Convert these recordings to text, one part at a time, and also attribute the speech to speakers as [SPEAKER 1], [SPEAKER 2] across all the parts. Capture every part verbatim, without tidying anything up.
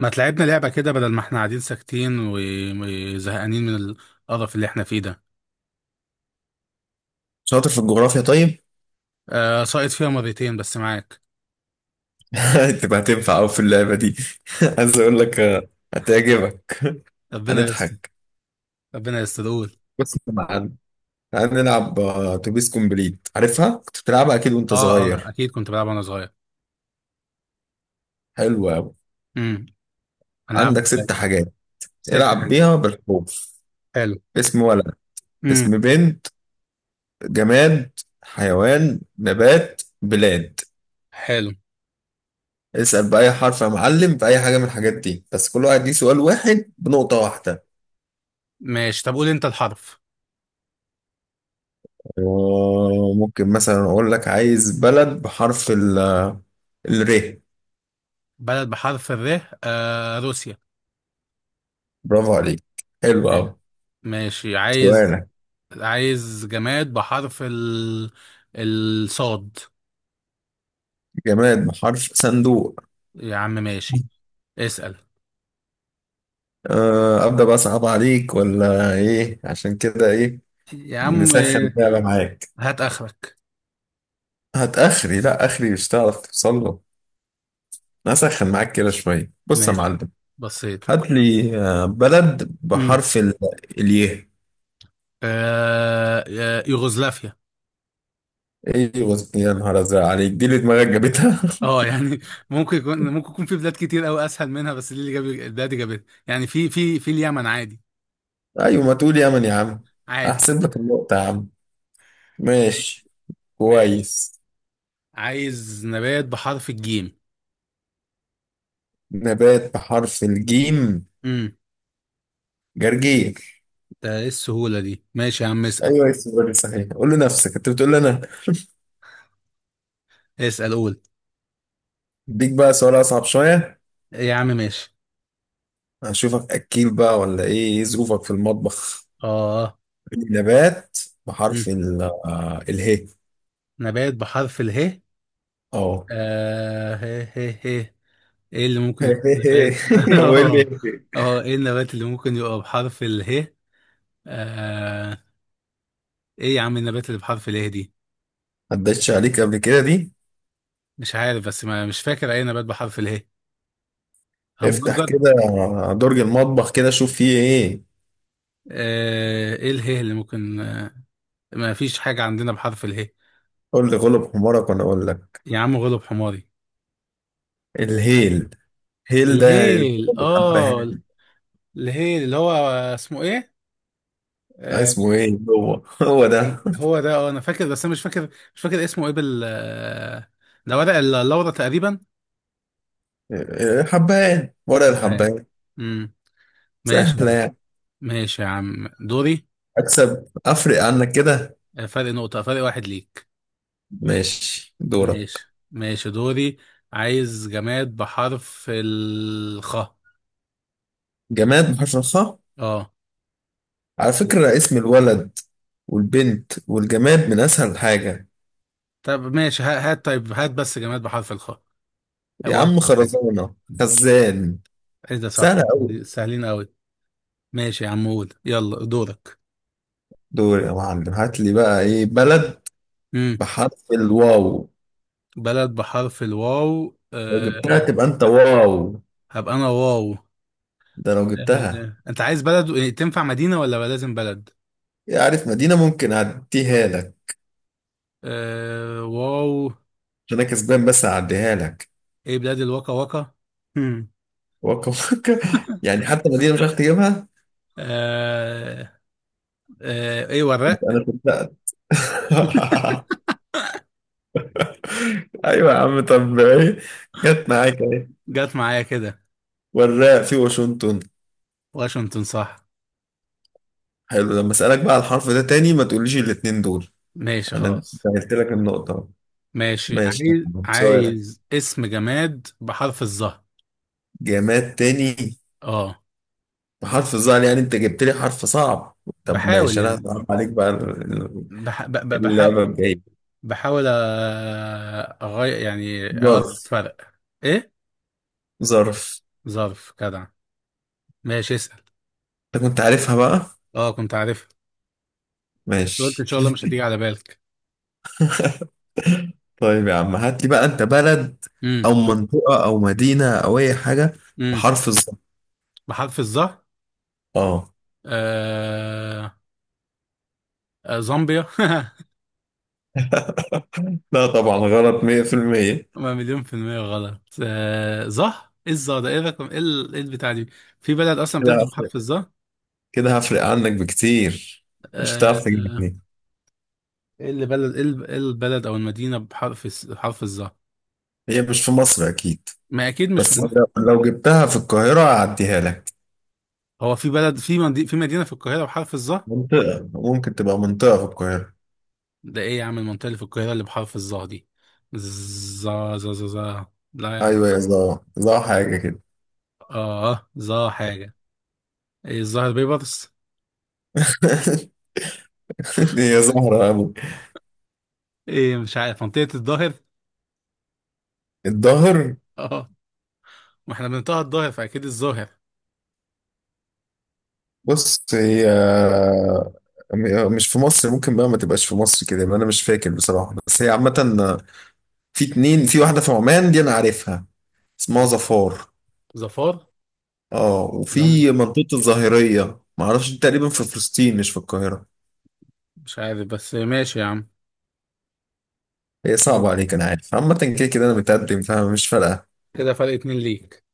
[SPEAKER 1] ما تلعبنا لعبة كده بدل ما احنا قاعدين ساكتين و- وزهقانين من القرف اللي احنا فيه ده؟
[SPEAKER 2] شاطر في الجغرافيا، طيب.
[SPEAKER 1] آه، ساقط فيها مرتين بس معاك.
[SPEAKER 2] تبقى هتنفع أوي في اللعبة دي. عايز أقول لك آه، هتعجبك.
[SPEAKER 1] ربنا يستر.
[SPEAKER 2] هنضحك
[SPEAKER 1] ربنا يستر، قول.
[SPEAKER 2] بس معانا. هنلعب آه، أتوبيس كومبليت، عارفها؟ كنت بتلعبها أكيد وأنت
[SPEAKER 1] اه، اه،
[SPEAKER 2] صغير.
[SPEAKER 1] اكيد كنت بلعب وانا صغير.
[SPEAKER 2] حلوة أوي.
[SPEAKER 1] امم هنلعبها
[SPEAKER 2] عندك
[SPEAKER 1] ازاي؟
[SPEAKER 2] ست حاجات،
[SPEAKER 1] ست
[SPEAKER 2] العب
[SPEAKER 1] حاجات.
[SPEAKER 2] بيها بالحروف:
[SPEAKER 1] حلو.
[SPEAKER 2] اسم ولد،
[SPEAKER 1] امم
[SPEAKER 2] اسم بنت، جماد، حيوان، نبات، بلاد.
[SPEAKER 1] حلو.
[SPEAKER 2] اسأل بأي حرف يا معلم في أي حاجة من الحاجات دي، بس كل واحد ليه سؤال واحد بنقطة واحدة.
[SPEAKER 1] ماشي، طب قول انت الحرف.
[SPEAKER 2] وممكن مثلا اقول لك عايز بلد بحرف ال، الر.
[SPEAKER 1] بلد بحرف الر؟ آه روسيا.
[SPEAKER 2] برافو عليك، حلو قوي.
[SPEAKER 1] ماشي، عايز
[SPEAKER 2] سؤالك.
[SPEAKER 1] عايز جماد بحرف ال الصاد.
[SPEAKER 2] جماد بحرف صندوق.
[SPEAKER 1] يا عم ماشي، اسأل.
[SPEAKER 2] أه ابدا بقى، صعب عليك ولا ايه؟ عشان كده ايه،
[SPEAKER 1] يا عم،
[SPEAKER 2] نسخن
[SPEAKER 1] آه،
[SPEAKER 2] بقى معاك.
[SPEAKER 1] هات اخرك.
[SPEAKER 2] هتاخري؟ لا اخري مش هتعرف توصل له. نسخن معاك كده شويه، بص يا
[SPEAKER 1] ماشي.
[SPEAKER 2] معلم.
[SPEAKER 1] بسيط.
[SPEAKER 2] هات لي آه، بلد
[SPEAKER 1] امم
[SPEAKER 2] بحرف ال- الياء.
[SPEAKER 1] آه آه، يوغوسلافيا.
[SPEAKER 2] ايوه، يا نهار ازرق عليك، دي اللي دماغك جابتها.
[SPEAKER 1] اه، يعني ممكن يكون ممكن يكون في بلاد كتير قوي اسهل منها، بس دي اللي جاب البلاد اللي جابتها، يعني في في في اليمن عادي.
[SPEAKER 2] ايوه، ما تقول يمن يا عم.
[SPEAKER 1] عادي.
[SPEAKER 2] احسب لك النقطه يا عم. ماشي،
[SPEAKER 1] ماشي،
[SPEAKER 2] كويس.
[SPEAKER 1] عايز نبات بحرف الجيم.
[SPEAKER 2] نبات بحرف الجيم.
[SPEAKER 1] امم
[SPEAKER 2] جرجير.
[SPEAKER 1] ده ايه السهولة دي؟ ماشي يا عم، اسأل.
[SPEAKER 2] ايوه اسمه جرجير صحيح، قول لنفسك انت بتقول لي انا.
[SPEAKER 1] اسأل، قول.
[SPEAKER 2] اديك بقى سؤال اصعب شويه.
[SPEAKER 1] يا عم ماشي.
[SPEAKER 2] هشوفك اكيل بقى ولا ايه، ايه ظروفك في المطبخ.
[SPEAKER 1] اه.
[SPEAKER 2] نبات
[SPEAKER 1] امم
[SPEAKER 2] بحرف ال آه، اله.
[SPEAKER 1] نبات بحرف اله؟
[SPEAKER 2] اه.
[SPEAKER 1] آه هي هي هي، ايه اللي ممكن يكون نبات؟
[SPEAKER 2] هو ايه
[SPEAKER 1] اه.
[SPEAKER 2] اللي،
[SPEAKER 1] اه، ايه النبات اللي ممكن يبقى بحرف اله؟ آه... ايه يا عم النبات اللي بحرف اله دي؟
[SPEAKER 2] عدتش عليك قبل كده دي؟
[SPEAKER 1] مش عارف، بس ما مش فاكر اي نبات بحرف اله.
[SPEAKER 2] افتح
[SPEAKER 1] همبرجر.
[SPEAKER 2] كده درج المطبخ كده، شوف فيه ايه.
[SPEAKER 1] آه... ايه اله اللي ممكن؟ آه... ما فيش حاجة عندنا بحرف اله.
[SPEAKER 2] قول لي غلب حمارك وانا اقول لك.
[SPEAKER 1] يا عم، غلب حماري.
[SPEAKER 2] الهيل. هيل ده يعني
[SPEAKER 1] الهيل؟ اه،
[SPEAKER 2] الحبهان.
[SPEAKER 1] الهيل اللي هو اسمه ايه؟
[SPEAKER 2] آه،
[SPEAKER 1] آه...
[SPEAKER 2] اسمه ايه هو؟ هو ده.
[SPEAKER 1] هو ده. اه، انا فاكر بس انا مش فاكر مش فاكر اسمه ايه، بال آه، ده ورق اللورا تقريبا.
[SPEAKER 2] حبان، ورق
[SPEAKER 1] الحبهان.
[SPEAKER 2] الحبان.
[SPEAKER 1] امم ماشي يا
[SPEAKER 2] سهلة
[SPEAKER 1] عم.
[SPEAKER 2] يعني.
[SPEAKER 1] ماشي يا عم، دوري.
[SPEAKER 2] اكسب افرق عنك كده.
[SPEAKER 1] آه، فرق نقطة، فرق واحد ليك.
[SPEAKER 2] ماشي دورك.
[SPEAKER 1] ماشي، ماشي دوري. عايز جماد بحرف الخاء.
[SPEAKER 2] جماد بحرف الخاء.
[SPEAKER 1] اه.
[SPEAKER 2] على فكرة اسم الولد والبنت والجماد من اسهل حاجة.
[SPEAKER 1] طب ماشي، ه- هات، طيب هات بس جماد بحرف الخاء.
[SPEAKER 2] يا
[SPEAKER 1] هو أسهل
[SPEAKER 2] عم
[SPEAKER 1] حاجة؟
[SPEAKER 2] خرزانة، خزان.
[SPEAKER 1] ايه ده، صح؟
[SPEAKER 2] سهلة أوي.
[SPEAKER 1] سهلين قوي. ماشي يا عم، قول، يلا دورك.
[SPEAKER 2] دور يا معلم، هات لي بقى ايه، بلد
[SPEAKER 1] امم
[SPEAKER 2] بحرف الواو.
[SPEAKER 1] بلد بحرف الواو؟
[SPEAKER 2] لو جبتها
[SPEAKER 1] أه.
[SPEAKER 2] تبقى انت واو.
[SPEAKER 1] هبقى انا واو.
[SPEAKER 2] ده لو جبتها.
[SPEAKER 1] أه انت عايز بلد إيه، تنفع مدينة ولا لازم بلد؟
[SPEAKER 2] إيه، عارف؟ مدينة ممكن اعديها لك،
[SPEAKER 1] أه واو.
[SPEAKER 2] عشان انا كسبان، بس اعديها لك.
[SPEAKER 1] ايه، بلاد الواكا واكا. هم.
[SPEAKER 2] وكا وكا، يعني حتى مدينة مش عارف تجيبها.
[SPEAKER 1] أه. أه، ايه، وراق.
[SPEAKER 2] انا صدقت. ايوه يا عم، طب ايه؟ جت معاك اهي.
[SPEAKER 1] جت معايا كده.
[SPEAKER 2] والراء في واشنطن.
[SPEAKER 1] واشنطن، صح.
[SPEAKER 2] حلو، لما اسالك بقى على الحرف ده تاني ما تقوليش الاتنين دول.
[SPEAKER 1] ماشي،
[SPEAKER 2] انا
[SPEAKER 1] خلاص.
[SPEAKER 2] سهلت لك النقطة.
[SPEAKER 1] ماشي،
[SPEAKER 2] ماشي،
[SPEAKER 1] عايز
[SPEAKER 2] سؤالك.
[SPEAKER 1] عايز اسم جماد بحرف الظهر.
[SPEAKER 2] جماد تاني
[SPEAKER 1] اه،
[SPEAKER 2] بحرف الظهر، يعني انت جبت لي حرف صعب. طب
[SPEAKER 1] بحاول
[SPEAKER 2] ماشي، انا
[SPEAKER 1] يعني.
[SPEAKER 2] هصعب عليك بقى ال-
[SPEAKER 1] بح... ب... ب... بحاول
[SPEAKER 2] اللعبة الجاية.
[SPEAKER 1] بحاول أ- اغير يعني، ارد
[SPEAKER 2] ظرف.
[SPEAKER 1] فرق. ايه؟
[SPEAKER 2] ظرف.
[SPEAKER 1] ظرف. جدع. ماشي، اسال.
[SPEAKER 2] انت كنت عارفها بقى؟
[SPEAKER 1] اه، كنت عارفها، بس قلت ان شاء
[SPEAKER 2] ماشي.
[SPEAKER 1] الله مش هتيجي على بالك.
[SPEAKER 2] طيب يا عم، هات لي بقى انت بلد
[SPEAKER 1] امم
[SPEAKER 2] او منطقة او مدينة او اي حاجة
[SPEAKER 1] امم
[SPEAKER 2] بحرف الظا.
[SPEAKER 1] بحرف الظهر؟
[SPEAKER 2] اه.
[SPEAKER 1] آه... آه، زامبيا
[SPEAKER 2] لا طبعا غلط مية في المية.
[SPEAKER 1] ما مليون في المية غلط، آه ظه ايه الظه ده، ايه الرقم، ايه ال- إيه البتاع دي؟ في بلد اصلا
[SPEAKER 2] كده
[SPEAKER 1] بتبدأ
[SPEAKER 2] هفرق،
[SPEAKER 1] بحرف الظه؟
[SPEAKER 2] كده هفرق عنك بكتير، مش هتعرف
[SPEAKER 1] آه
[SPEAKER 2] تجيبني.
[SPEAKER 1] ايه اللي، بلد ايه، ال- إيه البلد او المدينة بحرف الس- حرف الظه؟
[SPEAKER 2] هي مش في مصر اكيد،
[SPEAKER 1] ما اكيد مش في
[SPEAKER 2] بس
[SPEAKER 1] مصر.
[SPEAKER 2] لو لو جبتها في القاهرة هعديها لك.
[SPEAKER 1] هو في بلد، في مدي... في مدينة في القاهرة بحرف الظه؟
[SPEAKER 2] منطقة، ممكن تبقى منطقة في القاهرة.
[SPEAKER 1] ده ايه يا عم المنطقة اللي في القاهرة اللي بحرف الظه دي؟ ظا ظا ظا ظا لا يا عم.
[SPEAKER 2] ايوه، يا زهرة، زهرة حاجة كده.
[SPEAKER 1] اه، ظا حاجة. ايه، الظاهر بيبرس؟
[SPEAKER 2] هي زهرة أوي.
[SPEAKER 1] ايه، مش عارف، منطقة الظاهر.
[SPEAKER 2] الظهر.
[SPEAKER 1] اه، ما احنا بنطقها الظاهر، فاكيد الظاهر.
[SPEAKER 2] بص، هي م- مش في مصر، ممكن بقى ما تبقاش في مصر، كده يبقى انا مش فاكر بصراحة، بس هي عامة في اتنين. في واحدة في عمان دي انا عارفها، اسمها ظفار.
[SPEAKER 1] ظفار.
[SPEAKER 2] اه،
[SPEAKER 1] لا،
[SPEAKER 2] وفي منطقة الظاهرية ما اعرفش، دي تقريبا في فلسطين مش في القاهرة.
[SPEAKER 1] مش عارف، بس ماشي يا عم.
[SPEAKER 2] هي صعبة
[SPEAKER 1] ماشي،
[SPEAKER 2] عليك، انا عارف، عامة كده كده انا متقدم فمش فارقة.
[SPEAKER 1] كده فرق اتنين ليك.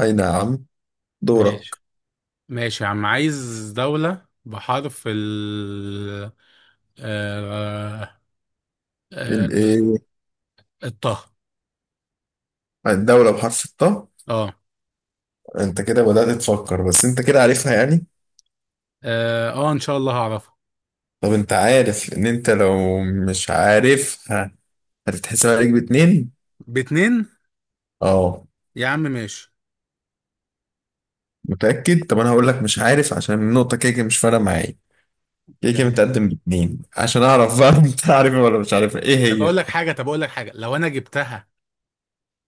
[SPEAKER 2] اي نعم، دورك.
[SPEAKER 1] ماشي، ماشي يا عم، عايز دولة بحرف ال آه... آه...
[SPEAKER 2] الايه؟
[SPEAKER 1] الطه.
[SPEAKER 2] الدولة بحرف الطاء.
[SPEAKER 1] اه.
[SPEAKER 2] انت كده بدأت تفكر، بس انت كده عارفها يعني.
[SPEAKER 1] اه، آه، ان شاء الله هعرفها.
[SPEAKER 2] طب انت عارف ان انت لو مش عارف هتتحسب عليك باتنين.
[SPEAKER 1] باتنين.
[SPEAKER 2] اه.
[SPEAKER 1] يا عم ماشي،
[SPEAKER 2] متأكد؟ طب انا هقول لك مش عارف، عشان النقطة كده كده مش فارقة معايا، كده كده
[SPEAKER 1] يعني.
[SPEAKER 2] متقدم باتنين، عشان اعرف بقى انت عارفها ولا مش عارفها، ايه
[SPEAKER 1] طب
[SPEAKER 2] هي.
[SPEAKER 1] اقول لك حاجة طب اقول لك حاجة لو انا جبتها،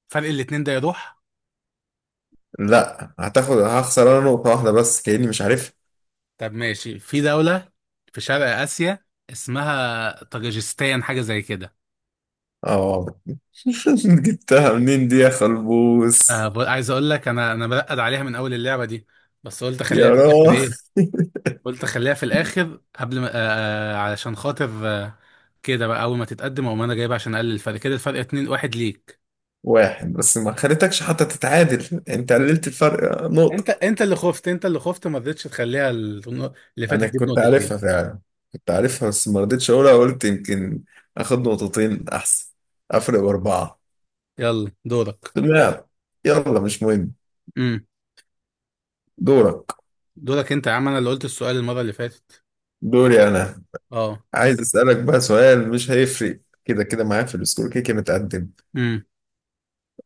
[SPEAKER 1] فرق الاتنين ده يروح.
[SPEAKER 2] لا، هتاخد، هخسر انا نقطة واحدة بس كأني مش عارفها.
[SPEAKER 1] طب ماشي، في دولة في شرق آسيا اسمها طاجيكستان، حاجة زي كده.
[SPEAKER 2] اه. جبتها منين دي يا
[SPEAKER 1] آه
[SPEAKER 2] خلبوس؟
[SPEAKER 1] ب- عايز اقول لك، انا انا برقد عليها من اول اللعبه دي، بس قلت
[SPEAKER 2] يا
[SPEAKER 1] اخليها في الاخر،
[SPEAKER 2] راجل.
[SPEAKER 1] ايه، قلت اخليها في الاخر قبل ما آه آه، علشان خاطر آه كده، بقى اول ما تتقدم، او ما انا جايبها عشان اقلل الفرق، كده الفرق اتنين واحد ليك.
[SPEAKER 2] واحد بس، ما خليتكش حتى تتعادل، انت قللت الفرق
[SPEAKER 1] انت
[SPEAKER 2] نقطة.
[SPEAKER 1] انت اللي خفت، انت اللي خفت، ما رضيتش تخليها النق- اللي فاتت
[SPEAKER 2] انا
[SPEAKER 1] دي
[SPEAKER 2] كنت
[SPEAKER 1] بنقطتين.
[SPEAKER 2] عارفها فعلا، كنت عارفها بس ما رضيتش اقولها، قلت يمكن اخد نقطتين احسن، افرق باربعة.
[SPEAKER 1] يلا دورك.
[SPEAKER 2] لا، يلا مش مهم.
[SPEAKER 1] امم
[SPEAKER 2] دورك.
[SPEAKER 1] دورك انت يا عم، انا اللي قلت السؤال المره اللي فاتت.
[SPEAKER 2] دوري انا.
[SPEAKER 1] اه.
[SPEAKER 2] عايز اسالك بقى سؤال مش هيفرق كده كده معايا في السكور، كده كده متقدم.
[SPEAKER 1] امم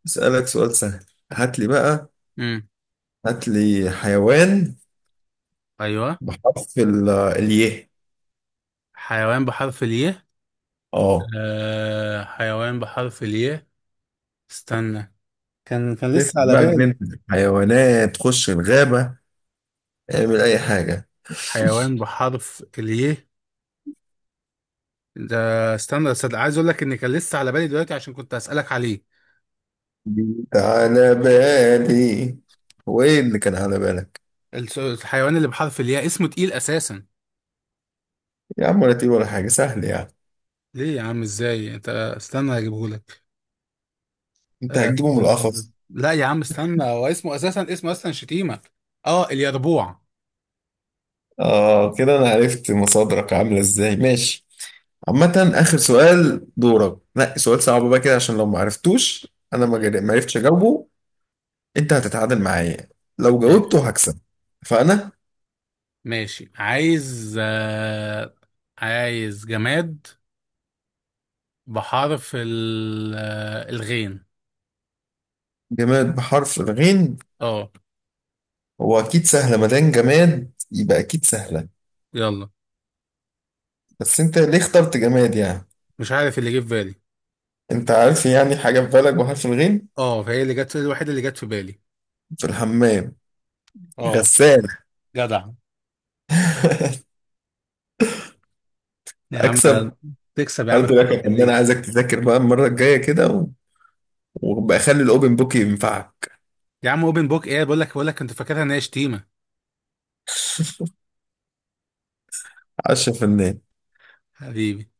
[SPEAKER 2] اسالك سؤال سهل. هات لي بقى،
[SPEAKER 1] امم
[SPEAKER 2] هات لي حيوان
[SPEAKER 1] ايوه،
[SPEAKER 2] بحرف ال- الياء.
[SPEAKER 1] حيوان بحرف الياء.
[SPEAKER 2] اه.
[SPEAKER 1] آه حيوان بحرف الياء، استنى، كان كان
[SPEAKER 2] دخل
[SPEAKER 1] لسه على
[SPEAKER 2] بقى جنينة
[SPEAKER 1] بال.
[SPEAKER 2] الحيوانات، خش الغابة، اعمل اي حاجة.
[SPEAKER 1] حيوان بحرف الياء ده، استنى بس، ده عايز اقول لك ان كان لسه على بالي دلوقتي عشان كنت اسالك عليه.
[SPEAKER 2] جيت على بالي. هو ايه اللي كان على بالك؟
[SPEAKER 1] الس- الحيوان اللي بحرف الياء اسمه تقيل اساسا.
[SPEAKER 2] يا عم ولا تقيل ولا حاجة، سهل يعني.
[SPEAKER 1] ليه يا عم؟ ازاي انت؟ استنى اجيبه لك.
[SPEAKER 2] انت
[SPEAKER 1] أه...
[SPEAKER 2] هتجيبه من القفص.
[SPEAKER 1] لا يا عم استنى، هو اسمه اساسا، اسمه اصلا شتيمه. اه، اليربوع.
[SPEAKER 2] اه، كده انا عرفت مصادرك عامله ازاي. ماشي. عامة اخر سؤال، دورك، نقي سؤال صعب بقى كده، عشان لو ما عرفتوش، انا ما جر- ما عرفتش اجاوبه، انت هتتعادل معايا، لو
[SPEAKER 1] ماشي،
[SPEAKER 2] جاوبته هكسب، فانا.
[SPEAKER 1] ماشي، عايز، آه... عايز جماد بحرف ال... آه، الغين.
[SPEAKER 2] جماد بحرف الغين.
[SPEAKER 1] اه،
[SPEAKER 2] هو اكيد سهله، ما دام جماد يبقى اكيد سهله.
[SPEAKER 1] يلا.
[SPEAKER 2] بس انت ليه اخترت جماد يعني؟
[SPEAKER 1] مش عارف، اللي جه في بالي.
[SPEAKER 2] انت عارف يعني حاجه في بالك بحرف الغين.
[SPEAKER 1] اه، فهي اللي جت، الوحيده اللي جت في بالي.
[SPEAKER 2] في الحمام.
[SPEAKER 1] اه.
[SPEAKER 2] غسالة.
[SPEAKER 1] جدع. يا عم.
[SPEAKER 2] اكسب.
[SPEAKER 1] تكسب يا عم،
[SPEAKER 2] هارد لك
[SPEAKER 1] فرق
[SPEAKER 2] يا فنان،
[SPEAKER 1] ليه؟
[SPEAKER 2] عايزك تذاكر بقى المره الجايه كده، وبخلي الاوبن بوك ينفعك.
[SPEAKER 1] يا عم، اوبن بوك ايه؟ بقول لك بقول لك كنت فاكرها ان هي شتيمه.
[SPEAKER 2] عشرة في المية.
[SPEAKER 1] حبيبي.